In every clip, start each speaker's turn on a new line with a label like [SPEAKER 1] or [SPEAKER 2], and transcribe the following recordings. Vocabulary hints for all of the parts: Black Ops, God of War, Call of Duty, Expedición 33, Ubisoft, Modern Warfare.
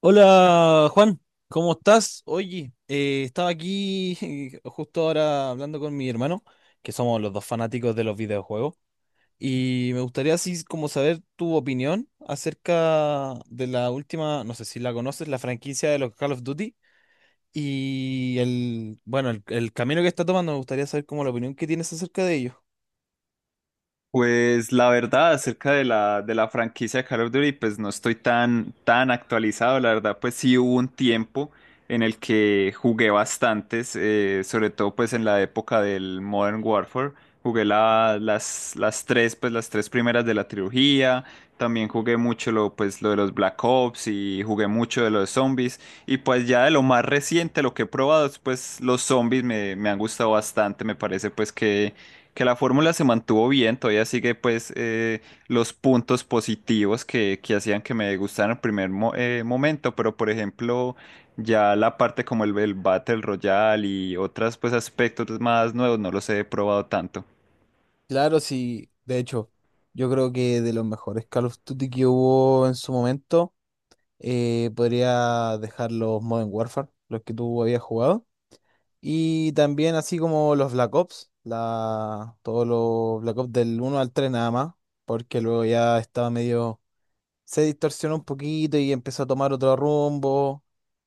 [SPEAKER 1] Hola Juan, ¿cómo estás? Oye, estaba aquí justo ahora hablando con mi hermano, que somos los dos fanáticos de los videojuegos, y me gustaría así como saber tu opinión acerca de la última, no sé si la conoces, la franquicia de los Call of Duty y el camino que está tomando, me gustaría saber como la opinión que tienes acerca de ello.
[SPEAKER 2] Pues la verdad, acerca de la franquicia de Call of Duty, pues no estoy tan actualizado. La verdad, pues sí hubo un tiempo en el que jugué bastantes, sobre todo pues en la época del Modern Warfare. Jugué las tres, pues las tres primeras de la trilogía. También jugué mucho lo, pues, lo de los Black Ops y jugué mucho de los zombies. Y pues ya de lo más reciente, lo que he probado, es, pues los me han gustado bastante. Me parece pues que la fórmula se mantuvo bien, todavía sigue pues los puntos positivos que hacían que me gustaran en momento, pero por ejemplo ya la parte como el Battle Royale y otros pues aspectos más nuevos no los he probado tanto.
[SPEAKER 1] Claro, sí, de hecho, yo creo que de los mejores Call of Duty que hubo en su momento. Podría dejar los Modern Warfare, los que tú habías jugado. Y también así como los Black Ops, todos los Black Ops del uno al 3 nada más, porque luego ya estaba medio, se distorsionó un poquito y empezó a tomar otro rumbo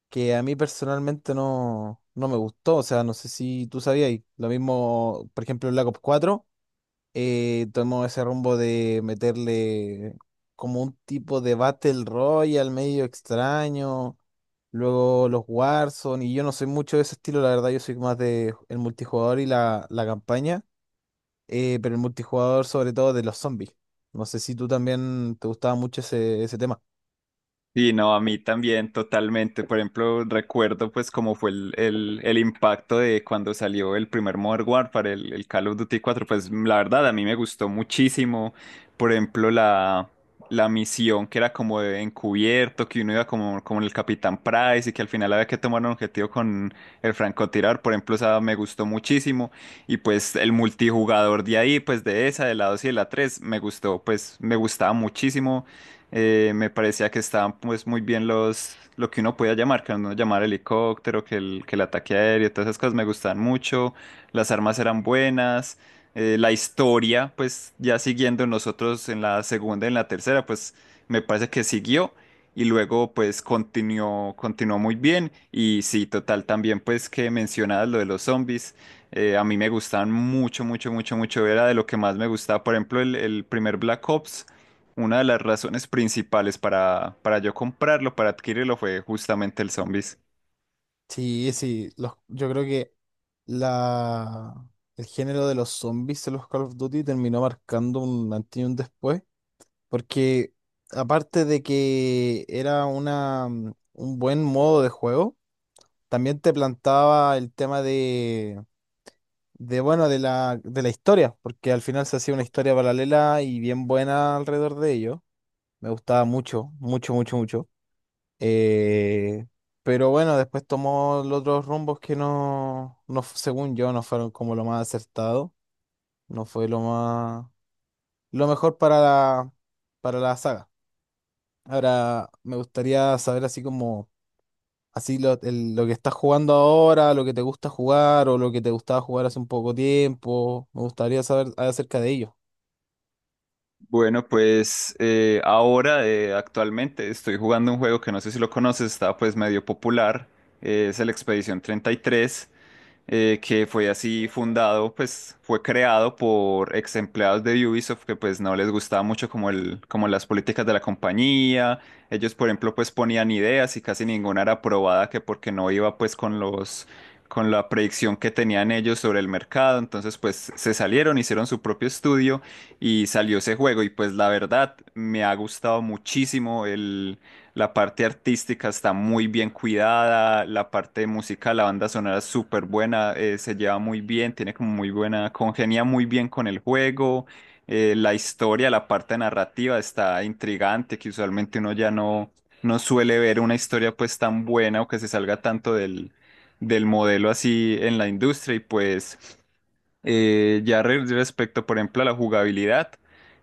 [SPEAKER 1] que a mí personalmente no, no me gustó. O sea, no sé si tú sabías, y lo mismo, por ejemplo, Black Ops 4 tomó ese rumbo de meterle como un tipo de Battle Royale medio extraño, luego los Warzone, y yo no soy mucho de ese estilo, la verdad, yo soy más de el multijugador y la campaña, pero el multijugador sobre todo de los zombies. No sé si tú también te gustaba mucho ese tema.
[SPEAKER 2] Sí, no, a mí también totalmente. Por ejemplo, recuerdo pues cómo fue el impacto de cuando salió el primer Modern Warfare, el Call of Duty cuatro. Pues la verdad a mí me gustó muchísimo. Por ejemplo, la misión que era como de encubierto, que uno iba como, como el Capitán Price y que al final había que tomar un objetivo con el francotirador, por ejemplo, esa me gustó muchísimo. Y pues el multijugador de ahí, pues de esa, de la 2 y de la 3, me gustó, pues me gustaba muchísimo me parecía que estaban pues muy bien los, lo que uno podía llamar, que uno llamar helicóptero, que el ataque aéreo, todas esas cosas me gustaban mucho, las armas eran buenas, la historia, pues ya siguiendo nosotros en la segunda y en la tercera, pues me parece que siguió y luego pues continuó muy bien y sí, total, también pues que mencionabas lo de los zombies. A mí me gustaban mucho, mucho, mucho, mucho. Era de lo que más me gustaba. Por ejemplo, el primer Black Ops. Una de las razones principales para yo comprarlo, para adquirirlo, fue justamente el Zombies.
[SPEAKER 1] Sí, sí, yo creo que la, el género de los zombies en los Call of Duty terminó marcando un antes y un después. Porque aparte de que era una, un buen modo de juego, también te plantaba el tema de la historia, porque al final se hacía una historia paralela y bien buena alrededor de ello. Me gustaba mucho, mucho, mucho, mucho. Eh, pero bueno, después tomó los otros rumbos que no, según yo, no fueron como lo más acertado, no fue lo más, lo mejor para para la saga. Ahora, me gustaría saber así como, lo que estás jugando ahora, lo que te gusta jugar o lo que te gustaba jugar hace un poco tiempo. Me gustaría saber acerca de ello.
[SPEAKER 2] Bueno, pues ahora, actualmente, estoy jugando un juego que no sé si lo conoces, está pues medio popular, es el Expedición 33. Que fue así fundado, pues fue creado por ex empleados de Ubisoft que pues no les gustaba mucho como como las políticas de la compañía. Ellos, por ejemplo, pues ponían ideas y casi ninguna era aprobada que porque no iba pues con los con la predicción que tenían ellos sobre el mercado, entonces pues se salieron, hicieron su propio estudio y salió ese juego y pues la verdad me ha gustado muchísimo. La parte artística está muy bien cuidada, la parte musical, la banda sonora es súper buena, se lleva muy bien, tiene como muy buena, congenia muy bien con el juego, la historia, la parte narrativa está intrigante, que usualmente uno ya no, no suele ver una historia pues tan buena o que se salga tanto del, del modelo así en la industria y pues... Ya respecto, por ejemplo, a la jugabilidad,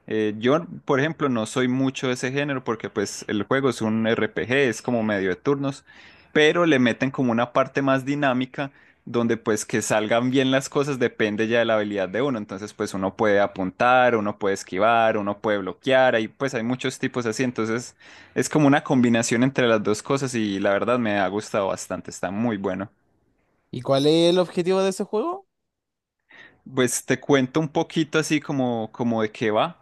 [SPEAKER 2] yo, por ejemplo, no soy mucho de ese género porque pues el juego es un RPG, es como medio de turnos, pero le meten como una parte más dinámica donde pues que salgan bien las cosas depende ya de la habilidad de uno, entonces pues uno puede apuntar, uno puede esquivar, uno puede bloquear, ahí pues hay muchos tipos así, entonces es como una combinación entre las dos cosas y la verdad me ha gustado bastante, está muy bueno.
[SPEAKER 1] ¿Y cuál es el objetivo de ese juego?
[SPEAKER 2] Pues te cuento un poquito así como, como de qué va.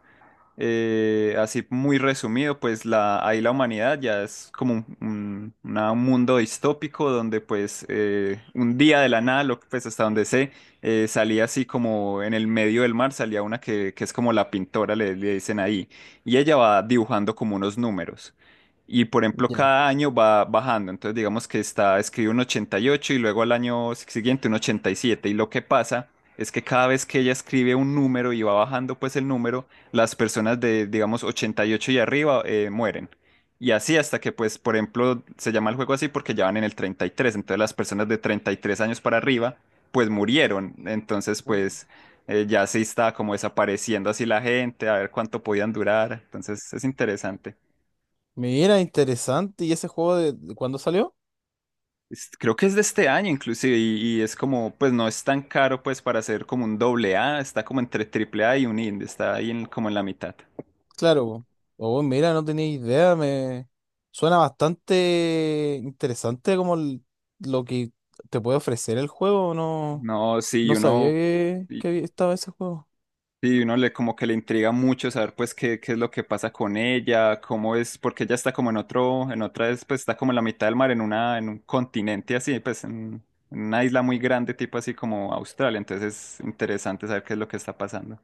[SPEAKER 2] Así muy resumido, pues la, ahí la humanidad ya es como un mundo distópico donde pues un día de la nada, lo, pues hasta donde sé, salía así como en el medio del mar, salía una que es como la pintora, le dicen ahí, y ella va dibujando como unos números. Y por ejemplo,
[SPEAKER 1] Ya.
[SPEAKER 2] cada año va bajando. Entonces, digamos que está, escribe un 88 y ocho y luego al año siguiente un 87. Y siete. Y lo que pasa es que cada vez que ella escribe un número y va bajando pues el número, las personas de, digamos, ochenta y ocho y arriba mueren. Y así hasta que, pues, por ejemplo, se llama el juego así porque ya van en el treinta y tres. Entonces las personas de 33 años para arriba, pues murieron. Entonces,
[SPEAKER 1] Mm.
[SPEAKER 2] pues, ya se está como desapareciendo así la gente, a ver cuánto podían durar. Entonces es interesante.
[SPEAKER 1] Mira, interesante. ¿Y ese juego de cuándo salió?
[SPEAKER 2] Creo que es de este año inclusive y es como, pues no es tan caro pues para hacer como un doble A, está como entre triple A y un indie, está ahí como en la mitad.
[SPEAKER 1] Claro. Po. Oh, mira, no tenía idea. Me suena bastante interesante como lo que te puede ofrecer el juego. No,
[SPEAKER 2] No, sí,
[SPEAKER 1] no sabía que,
[SPEAKER 2] y,
[SPEAKER 1] estaba ese juego.
[SPEAKER 2] Sí, uno le como que le intriga mucho saber pues qué, qué es lo que pasa con ella, cómo es, porque ella está como en otro, en otra vez, pues está como en la mitad del mar, en una, en un continente así, pues en una isla muy grande, tipo así como Australia, entonces es interesante saber qué es lo que está pasando.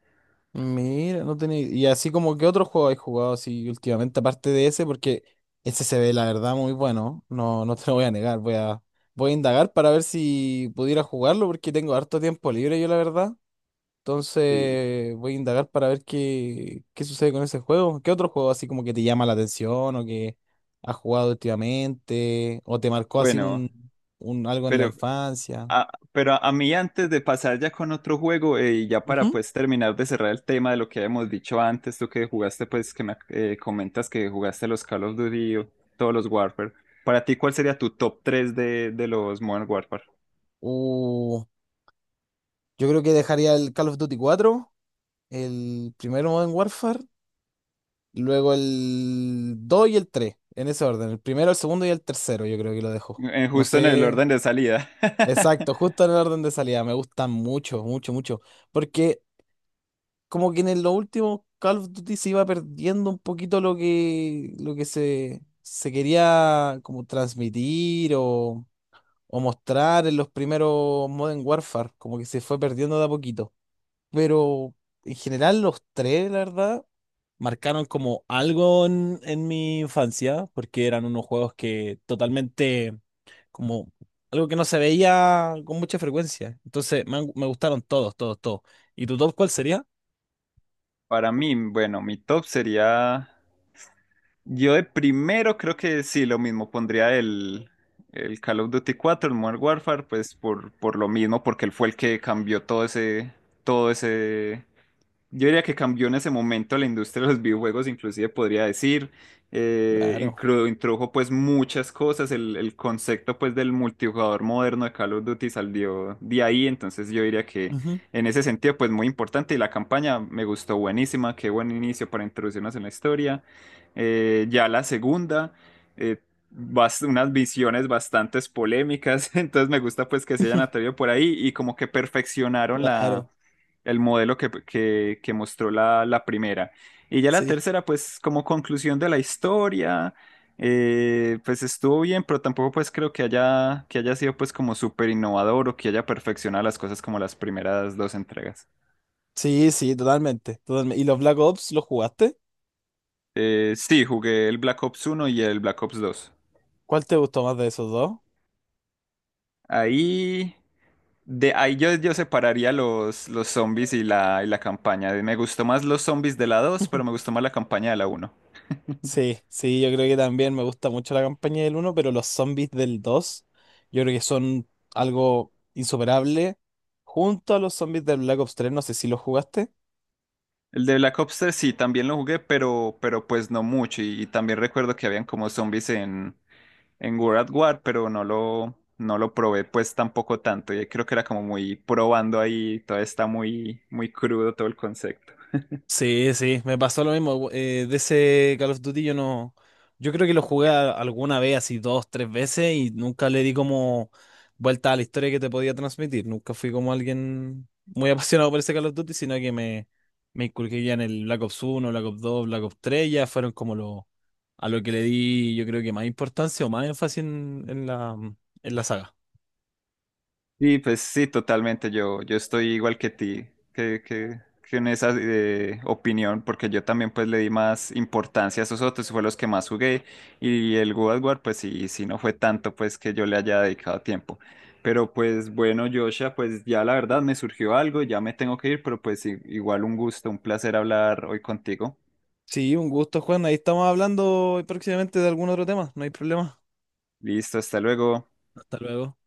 [SPEAKER 1] Mira, no tenía. Y así como que otro juego he jugado así últimamente, aparte de ese, porque ese se ve la verdad muy bueno. No, no te lo voy a negar. Voy a indagar para ver si pudiera jugarlo, porque tengo harto tiempo libre yo, la verdad.
[SPEAKER 2] Sí.
[SPEAKER 1] Entonces voy a indagar para ver qué sucede con ese juego. ¿Qué otro juego así como que te llama la atención o que has jugado últimamente? ¿O te marcó así
[SPEAKER 2] Bueno,
[SPEAKER 1] un algo en la
[SPEAKER 2] pero
[SPEAKER 1] infancia?
[SPEAKER 2] pero a mí antes de pasar ya con otro juego y ya para
[SPEAKER 1] Ujú.
[SPEAKER 2] pues terminar de cerrar el tema de lo que habíamos dicho antes, tú que jugaste pues que me comentas que jugaste los Call of Duty, o todos los Warfare, para ti ¿cuál sería tu top tres de los Modern Warfare?
[SPEAKER 1] Uh, yo creo que dejaría el Call of Duty cuatro. El primero Modern Warfare, luego el 2 y el 3 en ese orden. El primero, el segundo y el tercero, yo creo que lo dejo. No
[SPEAKER 2] Justo en el orden
[SPEAKER 1] sé.
[SPEAKER 2] de salida.
[SPEAKER 1] Exacto, justo en el orden de salida. Me gustan mucho, mucho, mucho. Porque como que en los últimos Call of Duty se iba perdiendo un poquito lo que, se quería como transmitir o mostrar en los primeros Modern Warfare. Como que se fue perdiendo de a poquito. Pero en general los tres, la verdad, marcaron como algo en mi infancia, porque eran unos juegos que totalmente, como algo que no se veía con mucha frecuencia. Entonces me gustaron todos, todos, todos. ¿Y tu top cuál sería?
[SPEAKER 2] Para mí, bueno, mi top sería. Yo de primero creo que sí, lo mismo, pondría el Call of Duty cuatro, el Modern Warfare, pues por lo mismo, porque él fue el que cambió todo ese, yo diría que cambió en ese momento la industria de los videojuegos, inclusive podría decir,
[SPEAKER 1] Claro.
[SPEAKER 2] introdujo pues muchas cosas, el concepto pues del multijugador moderno de Call of Duty salió de ahí, entonces yo diría que
[SPEAKER 1] Ujú.
[SPEAKER 2] en ese sentido pues muy importante y la campaña me gustó buenísima, qué buen inicio para introducirnos en la historia. Ya la segunda, eh, unas visiones bastante polémicas, entonces me gusta pues que se hayan atrevido por ahí y como que perfeccionaron la
[SPEAKER 1] Claro.
[SPEAKER 2] el modelo que mostró la primera. Y ya la
[SPEAKER 1] Sí,
[SPEAKER 2] tercera, pues como conclusión de la historia, pues estuvo bien, pero tampoco pues creo que haya sido pues como súper innovador o que haya perfeccionado las cosas como las primeras dos entregas.
[SPEAKER 1] sí, sí, totalmente, totalmente. ¿Y los Black Ops los jugaste?
[SPEAKER 2] Sí, jugué el Black Ops uno y el Black Ops dos.
[SPEAKER 1] ¿Cuál te gustó más de esos dos?
[SPEAKER 2] Ahí, de, ahí yo, yo separaría los zombies y y la campaña. Me gustó más los zombies de la 2 pero me gustó más la campaña de la uno.
[SPEAKER 1] Sí, sí, yo creo que también me gusta mucho la campaña del uno pero los zombies del 2 yo creo que son algo insuperable. Junto a los zombies del Black Ops 3 no sé si los jugaste.
[SPEAKER 2] El de Black Ops tres sí, también lo jugué, pero pues no mucho. Y también recuerdo que habían como zombies en World at War, pero no lo probé pues tampoco tanto. Yo creo que era como muy probando ahí, todavía está muy, muy crudo todo el concepto.
[SPEAKER 1] Sí, sí, me pasó lo mismo. De ese Call of Duty yo no. Yo creo que lo jugué alguna vez, así dos, tres veces, y nunca le di como vuelta a la historia que te podía transmitir. Nunca fui como alguien muy apasionado por ese Call of Duty, sino que me inculqué ya en el Black Ops uno, Black Ops 2, Black Ops 3. Ya fueron como lo, a lo que le di, yo creo que más importancia o más énfasis en en la saga.
[SPEAKER 2] Y pues sí, totalmente. Yo estoy igual que ti, que en esa opinión, porque yo también pues le di más importancia a esos otros, fue los que más jugué. Y el God of War, pues sí, sí no fue tanto pues que yo le haya dedicado tiempo. Pero pues bueno, Joshua, pues ya la verdad me surgió algo, ya me tengo que ir, pero pues igual un gusto, un placer hablar hoy contigo.
[SPEAKER 1] Sí, un gusto, Juan. Ahí estamos hablando próximamente de algún otro tema. No hay problema.
[SPEAKER 2] Listo, hasta luego.
[SPEAKER 1] Hasta luego.